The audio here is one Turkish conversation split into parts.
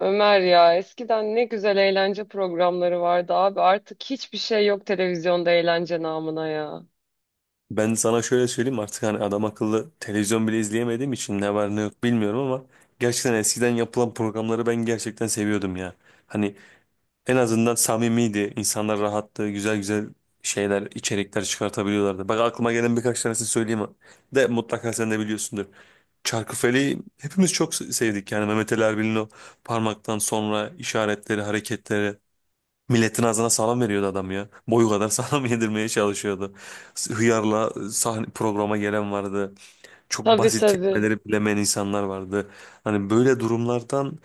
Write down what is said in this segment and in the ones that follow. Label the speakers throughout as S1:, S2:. S1: Ömer ya, eskiden ne güzel eğlence programları vardı abi. Artık hiçbir şey yok televizyonda eğlence namına ya.
S2: Ben sana şöyle söyleyeyim artık hani adam akıllı televizyon bile izleyemediğim için ne var ne yok bilmiyorum ama gerçekten eskiden yapılan programları ben gerçekten seviyordum ya. Hani en azından samimiydi, insanlar rahattı, güzel güzel şeyler, içerikler çıkartabiliyorlardı. Bak aklıma gelen birkaç tanesini söyleyeyim de mutlaka sen de biliyorsundur. Çarkıfele'yi hepimiz çok sevdik, yani Mehmet Ali Erbil'in o parmaktan sonra işaretleri, hareketleri. Milletin ağzına salam veriyordu adam ya. Boyu kadar salam yedirmeye çalışıyordu. Hıyarla sahne programa gelen vardı. Çok
S1: Tabii
S2: basit
S1: tabii.
S2: kelimeleri bilemeyen insanlar vardı. Hani böyle durumlardan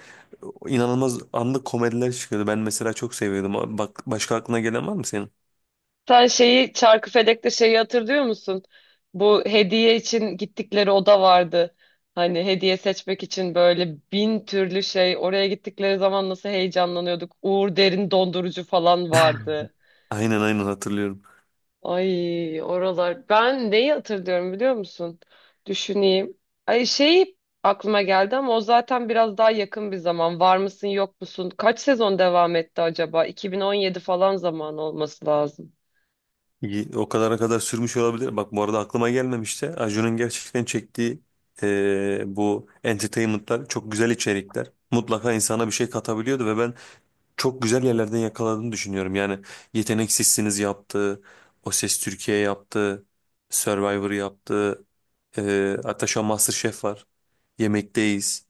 S2: inanılmaz anlık komediler çıkıyordu. Ben mesela çok seviyordum. Bak başka aklına gelen var mı senin?
S1: Sen şeyi Çarkıfelek'te şeyi hatırlıyor musun? Bu hediye için gittikleri oda vardı. Hani hediye seçmek için böyle bin türlü şey. Oraya gittikleri zaman nasıl heyecanlanıyorduk. Uğur Derin dondurucu falan vardı.
S2: Aynen, aynen, hatırlıyorum.
S1: Ay, oralar. Ben neyi hatırlıyorum biliyor musun? Düşüneyim. Ay, şey aklıma geldi ama o zaten biraz daha yakın bir zaman. Var mısın yok musun? Kaç sezon devam etti acaba? 2017 falan zaman olması lazım.
S2: İyi, o kadara kadar sürmüş olabilir. Bak bu arada aklıma gelmemişti. Acun'un gerçekten çektiği bu entertainment'lar çok güzel içerikler. Mutlaka insana bir şey katabiliyordu ve ben çok güzel yerlerden yakaladığını düşünüyorum. Yani Yetenek yaptı, O Ses Türkiye yaptı, Survivor yaptı, hatta şu an MasterChef var, Yemekteyiz.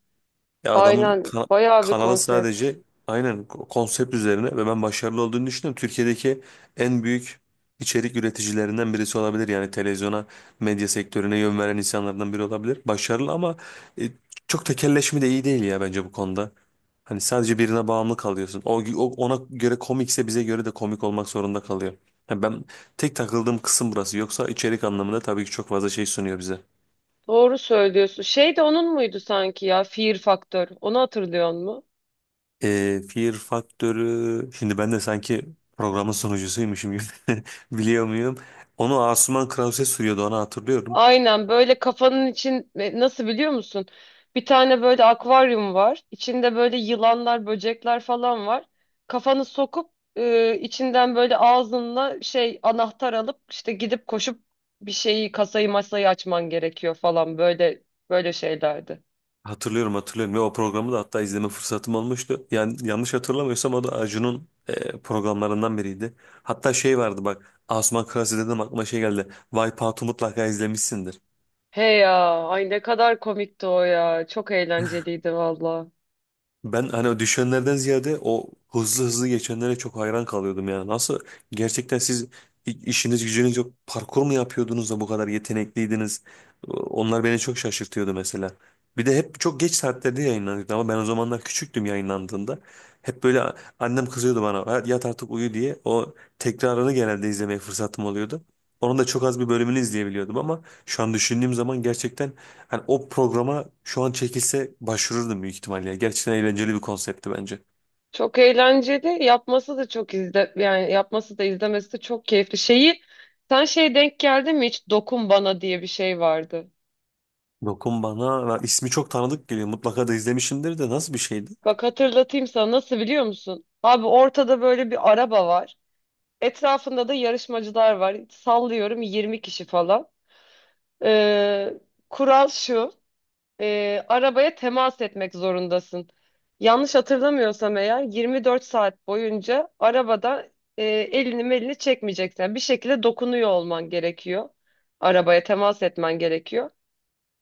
S2: Ya adamın
S1: Aynen, bayağı bir
S2: kanalı
S1: konsept.
S2: sadece aynen konsept üzerine ve ben başarılı olduğunu düşünüyorum. Türkiye'deki en büyük içerik üreticilerinden birisi olabilir. Yani televizyona, medya sektörüne yön veren insanlardan biri olabilir. Başarılı ama e, çok tekelleşme de iyi değil ya bence bu konuda. Hani sadece birine bağımlı kalıyorsun. Ona göre komikse bize göre de komik olmak zorunda kalıyor. Yani ben tek takıldığım kısım burası. Yoksa içerik anlamında tabii ki çok fazla şey sunuyor bize.
S1: Doğru söylüyorsun. Şey de onun muydu sanki ya? Fear Factor. Onu hatırlıyor musun?
S2: Fear Faktörü şimdi ben de sanki programın sunucusuymuşum gibi biliyor muyum? Onu Asuman Krause sürüyordu, onu hatırlıyorum.
S1: Aynen, böyle kafanın için nasıl biliyor musun? Bir tane böyle akvaryum var. İçinde böyle yılanlar, böcekler falan var. Kafanı sokup içinden böyle ağzınla şey anahtar alıp işte gidip koşup bir şeyi, kasayı, masayı açman gerekiyor falan, böyle böyle şeylerdi.
S2: Hatırlıyorum, hatırlıyorum ve o programı da hatta izleme fırsatım olmuştu. Yani yanlış hatırlamıyorsam o da Acun'un programlarından biriydi. Hatta şey vardı, bak Asuman Krause dedim aklıma şey geldi. Wipeout'u mutlaka izlemişsindir.
S1: He ya, ay ne kadar komikti o ya. Çok eğlenceliydi valla.
S2: Ben hani o düşenlerden ziyade o hızlı hızlı geçenlere çok hayran kalıyordum ya. Nasıl gerçekten siz işiniz gücünüz yok, parkur mu yapıyordunuz da bu kadar yetenekliydiniz? Onlar beni çok şaşırtıyordu mesela. Bir de hep çok geç saatlerde yayınlanıyordu ama ben o zamanlar küçüktüm yayınlandığında. Hep böyle annem kızıyordu bana, "Ha, yat artık uyu" diye. O tekrarını genelde izlemeye fırsatım oluyordu. Onun da çok az bir bölümünü izleyebiliyordum ama şu an düşündüğüm zaman gerçekten hani o programa şu an çekilse başvururdum büyük ihtimalle ya. Gerçekten eğlenceli bir konseptti bence.
S1: Çok eğlenceli. Yapması da çok izle yani yapması da izlemesi de çok keyifli. Şeyi sen şeye denk geldi mi hiç, dokun bana diye bir şey vardı.
S2: Dokun bana. Lan ismi çok tanıdık geliyor. Mutlaka da izlemişimdir de, nasıl bir şeydi?
S1: Bak hatırlatayım sana, nasıl biliyor musun? Abi, ortada böyle bir araba var. Etrafında da yarışmacılar var. Sallıyorum 20 kişi falan. Ee, Kural şu: arabaya temas etmek zorundasın. Yanlış hatırlamıyorsam eğer 24 saat boyunca arabada elini melini çekmeyeceksin. Yani bir şekilde dokunuyor olman gerekiyor. Arabaya temas etmen gerekiyor.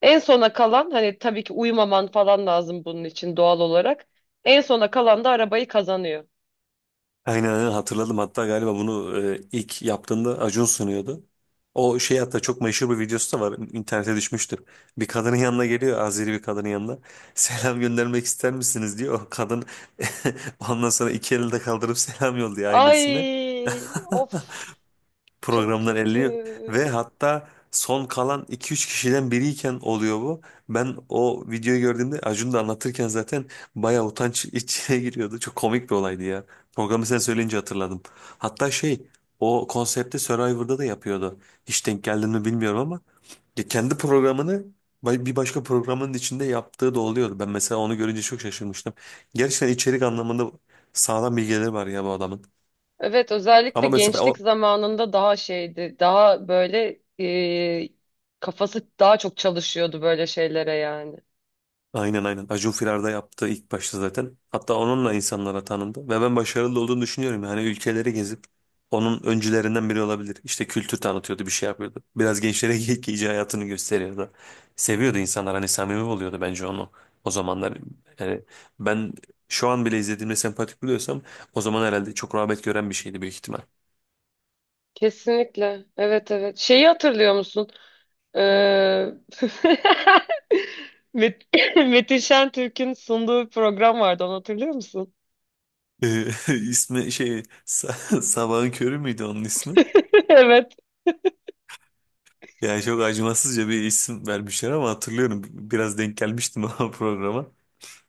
S1: En sona kalan, hani tabii ki uyumaman falan lazım bunun için doğal olarak. En sona kalan da arabayı kazanıyor.
S2: Aynen, aynen hatırladım. Hatta galiba bunu ilk yaptığında Acun sunuyordu. O şey hatta, çok meşhur bir videosu da var. İnternete düşmüştür. Bir kadının yanına geliyor. Azeri bir kadının yanına. Selam göndermek ister misiniz, diyor. O kadın ondan sonra iki elinde kaldırıp selam yolluyor ailesine.
S1: Ay of, çok
S2: Programdan
S1: kötü.
S2: eleniyor ve hatta son kalan iki üç kişiden biriyken oluyor bu. Ben o videoyu gördüğümde, Acun da anlatırken zaten bayağı utanç içine giriyordu. Çok komik bir olaydı ya. Programı sen söyleyince hatırladım. Hatta şey, o konsepti Survivor'da da yapıyordu. Hiç denk geldin mi bilmiyorum ama ya kendi programını bir başka programın içinde yaptığı da oluyordu. Ben mesela onu görünce çok şaşırmıştım. Gerçekten içerik anlamında sağlam bilgileri var ya bu adamın.
S1: Evet, özellikle
S2: Ama mesela
S1: gençlik
S2: o.
S1: zamanında daha şeydi, daha böyle kafası daha çok çalışıyordu böyle şeylere yani.
S2: Aynen, aynen. Acun Firar'da yaptığı ilk başta zaten. Hatta onunla insanlara tanındı. Ve ben başarılı olduğunu düşünüyorum. Yani ülkeleri gezip onun öncülerinden biri olabilir. İşte kültür tanıtıyordu, bir şey yapıyordu. Biraz gençlere hayatını gösteriyordu. Seviyordu insanlar. Hani samimi oluyordu bence onu. O zamanlar yani ben şu an bile izlediğimde sempatik buluyorsam, o zaman herhalde çok rağbet gören bir şeydi büyük ihtimal.
S1: Kesinlikle. Evet, evet. Şeyi hatırlıyor musun? Ee, Met Metin Şentürk'ün sunduğu bir program vardı, onu hatırlıyor musun?
S2: Ee, ismi şey, Sabahın Körü müydü onun ismi?
S1: Evet.
S2: Yani çok acımasızca bir isim vermişler ama hatırlıyorum, biraz denk gelmiştim o programa.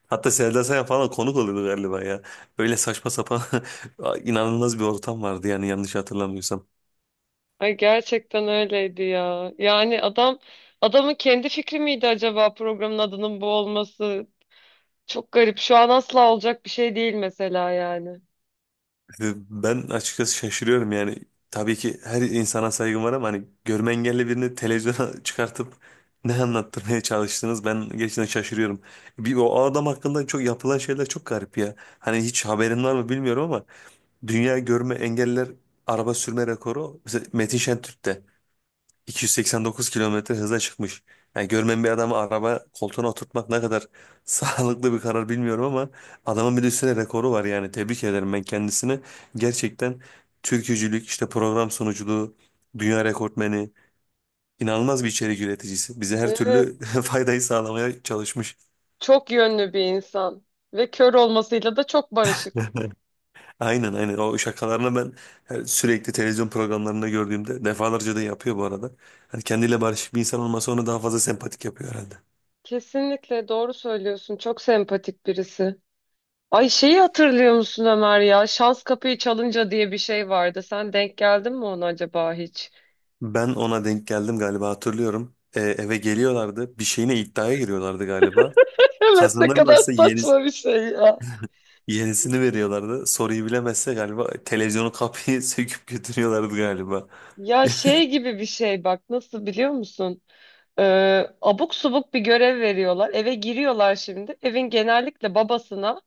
S2: Hatta Selda Sayan falan konuk oluyordu galiba ya. Öyle saçma sapan inanılmaz bir ortam vardı yani yanlış hatırlamıyorsam.
S1: Ay, gerçekten öyleydi ya. Yani adamın kendi fikri miydi acaba programın adının bu olması? Çok garip. Şu an asla olacak bir şey değil mesela yani.
S2: Ben açıkçası şaşırıyorum yani. Tabii ki her insana saygım var ama hani görme engelli birini televizyona çıkartıp ne anlattırmaya çalıştınız, ben gerçekten şaşırıyorum. Bir, o adam hakkında çok yapılan şeyler çok garip ya. Hani hiç haberin var mı bilmiyorum ama dünya görme engeller araba sürme rekoru mesela Metin Şentürk'te, 289 kilometre hıza çıkmış. Yani görmeyen bir adamı araba koltuğuna oturtmak ne kadar sağlıklı bir karar bilmiyorum ama adamın bir de üstüne rekoru var, yani tebrik ederim ben kendisini. Gerçekten türkücülük, işte program sunuculuğu, dünya rekortmeni, inanılmaz bir içerik üreticisi. Bize her
S1: Evet.
S2: türlü faydayı sağlamaya çalışmış.
S1: Çok yönlü bir insan ve kör olmasıyla da çok barışık.
S2: Aynen, aynen o şakalarını ben, yani sürekli televizyon programlarında gördüğümde defalarca da yapıyor bu arada. Hani kendiyle barışık bir insan olmasa onu daha fazla sempatik yapıyor herhalde.
S1: Kesinlikle doğru söylüyorsun. Çok sempatik birisi. Ay, şeyi hatırlıyor musun Ömer ya? Şans Kapıyı Çalınca diye bir şey vardı. Sen denk geldin mi ona acaba hiç?
S2: Ben ona denk geldim galiba, hatırlıyorum. Eve geliyorlardı, bir şeyine iddiaya giriyorlardı galiba.
S1: Evet, ne kadar
S2: Kazanırlarsa
S1: saçma bir şey ya.
S2: yenisini veriyorlardı. Soruyu bilemezse galiba televizyonu, kapıyı söküp götürüyorlardı galiba.
S1: Ya, şey gibi bir şey, bak, nasıl biliyor musun? Abuk subuk bir görev veriyorlar. Eve giriyorlar şimdi. Evin genellikle babasına.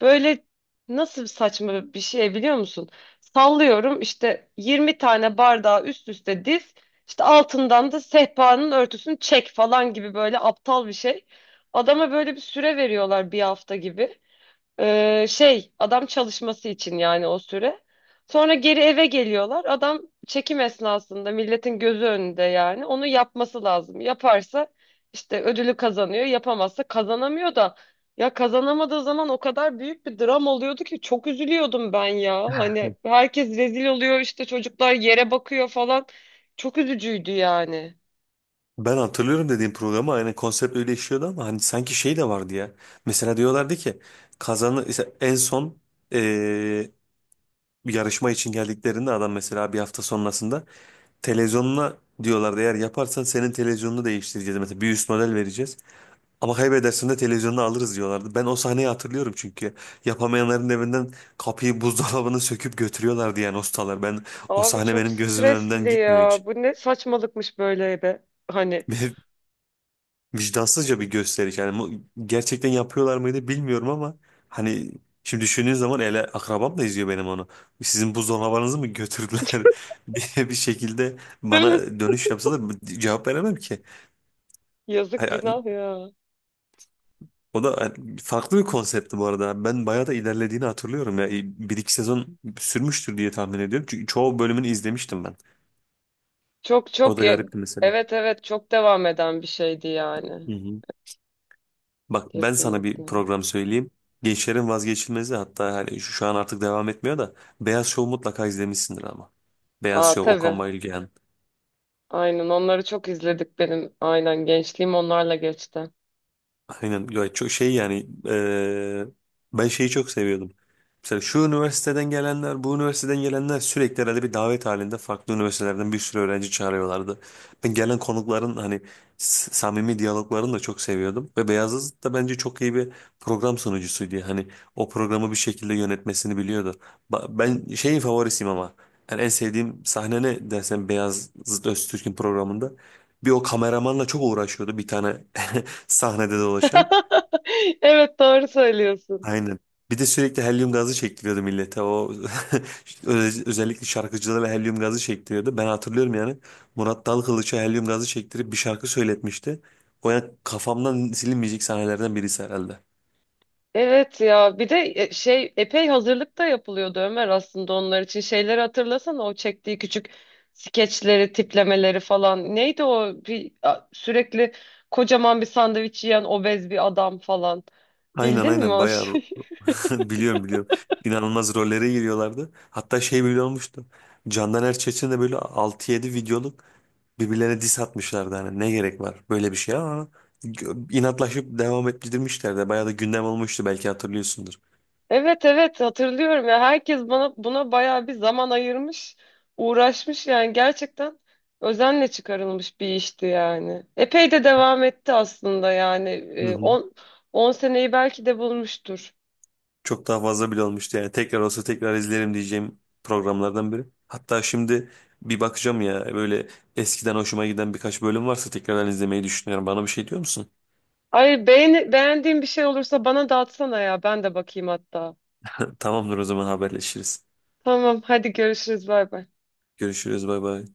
S1: Böyle, nasıl saçma bir şey biliyor musun? Sallıyorum işte 20 tane bardağı üst üste diz, işte altından da sehpanın örtüsünü çek falan gibi böyle aptal bir şey. Adama böyle bir süre veriyorlar, bir hafta gibi. Şey, adam çalışması için yani, o süre. Sonra geri eve geliyorlar. Adam çekim esnasında milletin gözü önünde yani onu yapması lazım. Yaparsa işte ödülü kazanıyor. Yapamazsa kazanamıyor da, ya, kazanamadığı zaman o kadar büyük bir dram oluyordu ki, çok üzülüyordum ben ya. Hani herkes rezil oluyor, işte çocuklar yere bakıyor falan. Çok üzücüydü yani.
S2: Ben hatırlıyorum, dediğim programı aynen konsept öyle işliyordu ama hani sanki şey de vardı ya. Mesela diyorlardı ki kazanı işte en son, eee, bir yarışma için geldiklerinde adam mesela bir hafta sonrasında televizyonuna diyorlardı, eğer yaparsan senin televizyonunu değiştireceğiz, mesela bir üst model vereceğiz. Ama kaybedersen de televizyonunu alırız diyorlardı. Ben o sahneyi hatırlıyorum çünkü yapamayanların evinden kapıyı, buzdolabını söküp götürüyorlardı yani ustalar. Ben o
S1: Abi,
S2: sahne
S1: çok
S2: benim gözümün önünden
S1: stresli
S2: gitmiyor hiç.
S1: ya. Bu ne saçmalıkmış böyle be. Hani
S2: Vicdansızca bir gösteriş. Yani gerçekten yapıyorlar mıydı bilmiyorum ama hani şimdi düşündüğün zaman ele akrabam da izliyor benim onu. Sizin buzdolabınızı mı götürdüler diye bir şekilde
S1: değil mi?
S2: bana dönüş yapsa da cevap veremem ki.
S1: Yazık,
S2: Hani
S1: günah ya.
S2: o da farklı bir konseptti bu arada. Ben bayağı da ilerlediğini hatırlıyorum ya. Bir iki sezon sürmüştür diye tahmin ediyorum. Çünkü çoğu bölümünü izlemiştim ben.
S1: Çok
S2: O
S1: çok
S2: da
S1: ya-
S2: garipti mesela.
S1: evet, evet, çok devam eden bir şeydi yani.
S2: Hı hı. Bak ben sana
S1: Kesinlikle.
S2: bir program söyleyeyim. Gençlerin vazgeçilmezi, hatta hani şu an artık devam etmiyor da, Beyaz Şov mutlaka izlemişsindir ama. Beyaz
S1: Aa,
S2: Şov,
S1: tabii.
S2: Okan Bayülgen.
S1: Aynen, onları çok izledik benim. Aynen, gençliğim onlarla geçti.
S2: Aynen ya, çok şey yani ben şeyi çok seviyordum. Mesela şu üniversiteden gelenler, bu üniversiteden gelenler, sürekli herhalde bir davet halinde farklı üniversitelerden bir sürü öğrenci çağırıyorlardı. Ben gelen konukların hani samimi diyaloglarını da çok seviyordum. Ve Beyazıt da bence çok iyi bir program sunucusuydu. Hani o programı bir şekilde yönetmesini biliyordu. Ben şeyin favorisiyim ama yani en sevdiğim sahne ne dersen Beyazıt Öztürk'ün programında. Bir o kameramanla çok uğraşıyordu, bir tane sahnede dolaşan.
S1: Evet, doğru söylüyorsun.
S2: Aynen. Bir de sürekli helyum gazı çektiriyordu millete. O özellikle şarkıcılara helyum gazı çektiriyordu. Ben hatırlıyorum yani. Murat Dalkılıç'a helyum gazı çektirip bir şarkı söyletmişti. O yani kafamdan silinmeyecek sahnelerden birisi herhalde.
S1: Evet ya, bir de şey, epey hazırlık da yapılıyordu Ömer aslında onlar için. Şeyleri hatırlasana, o çektiği küçük skeçleri, tiplemeleri falan. Neydi o bir sürekli kocaman bir sandviç yiyen obez bir adam falan.
S2: Aynen,
S1: Bildin mi
S2: aynen
S1: o
S2: bayağı
S1: şeyi?
S2: biliyorum, biliyorum. İnanılmaz rollere giriyorlardı. Hatta şey bile olmuştu. Candan Erçetin de böyle altı yedi videoluk birbirlerine diss atmışlardı. Hani ne gerek var böyle bir şeye ama inatlaşıp devam ettirmişlerdi. Bayağı da gündem olmuştu, belki hatırlıyorsundur.
S1: Evet, evet, hatırlıyorum ya, herkes bana buna bayağı bir zaman ayırmış, uğraşmış yani, gerçekten özenle çıkarılmış bir işti yani. Epey de devam etti aslında, yani
S2: Hı hı.
S1: 10 seneyi belki de bulmuştur.
S2: Çok daha fazla bile olmuştu yani. Tekrar olsa tekrar izlerim diyeceğim programlardan biri. Hatta şimdi bir bakacağım ya, böyle eskiden hoşuma giden birkaç bölüm varsa tekrardan izlemeyi düşünüyorum. Bana bir şey diyor musun?
S1: Ay, beğendiğin bir şey olursa bana da atsana ya, ben de bakayım hatta.
S2: Tamamdır, o zaman haberleşiriz.
S1: Tamam, hadi görüşürüz, bay bay.
S2: Görüşürüz, bay bay.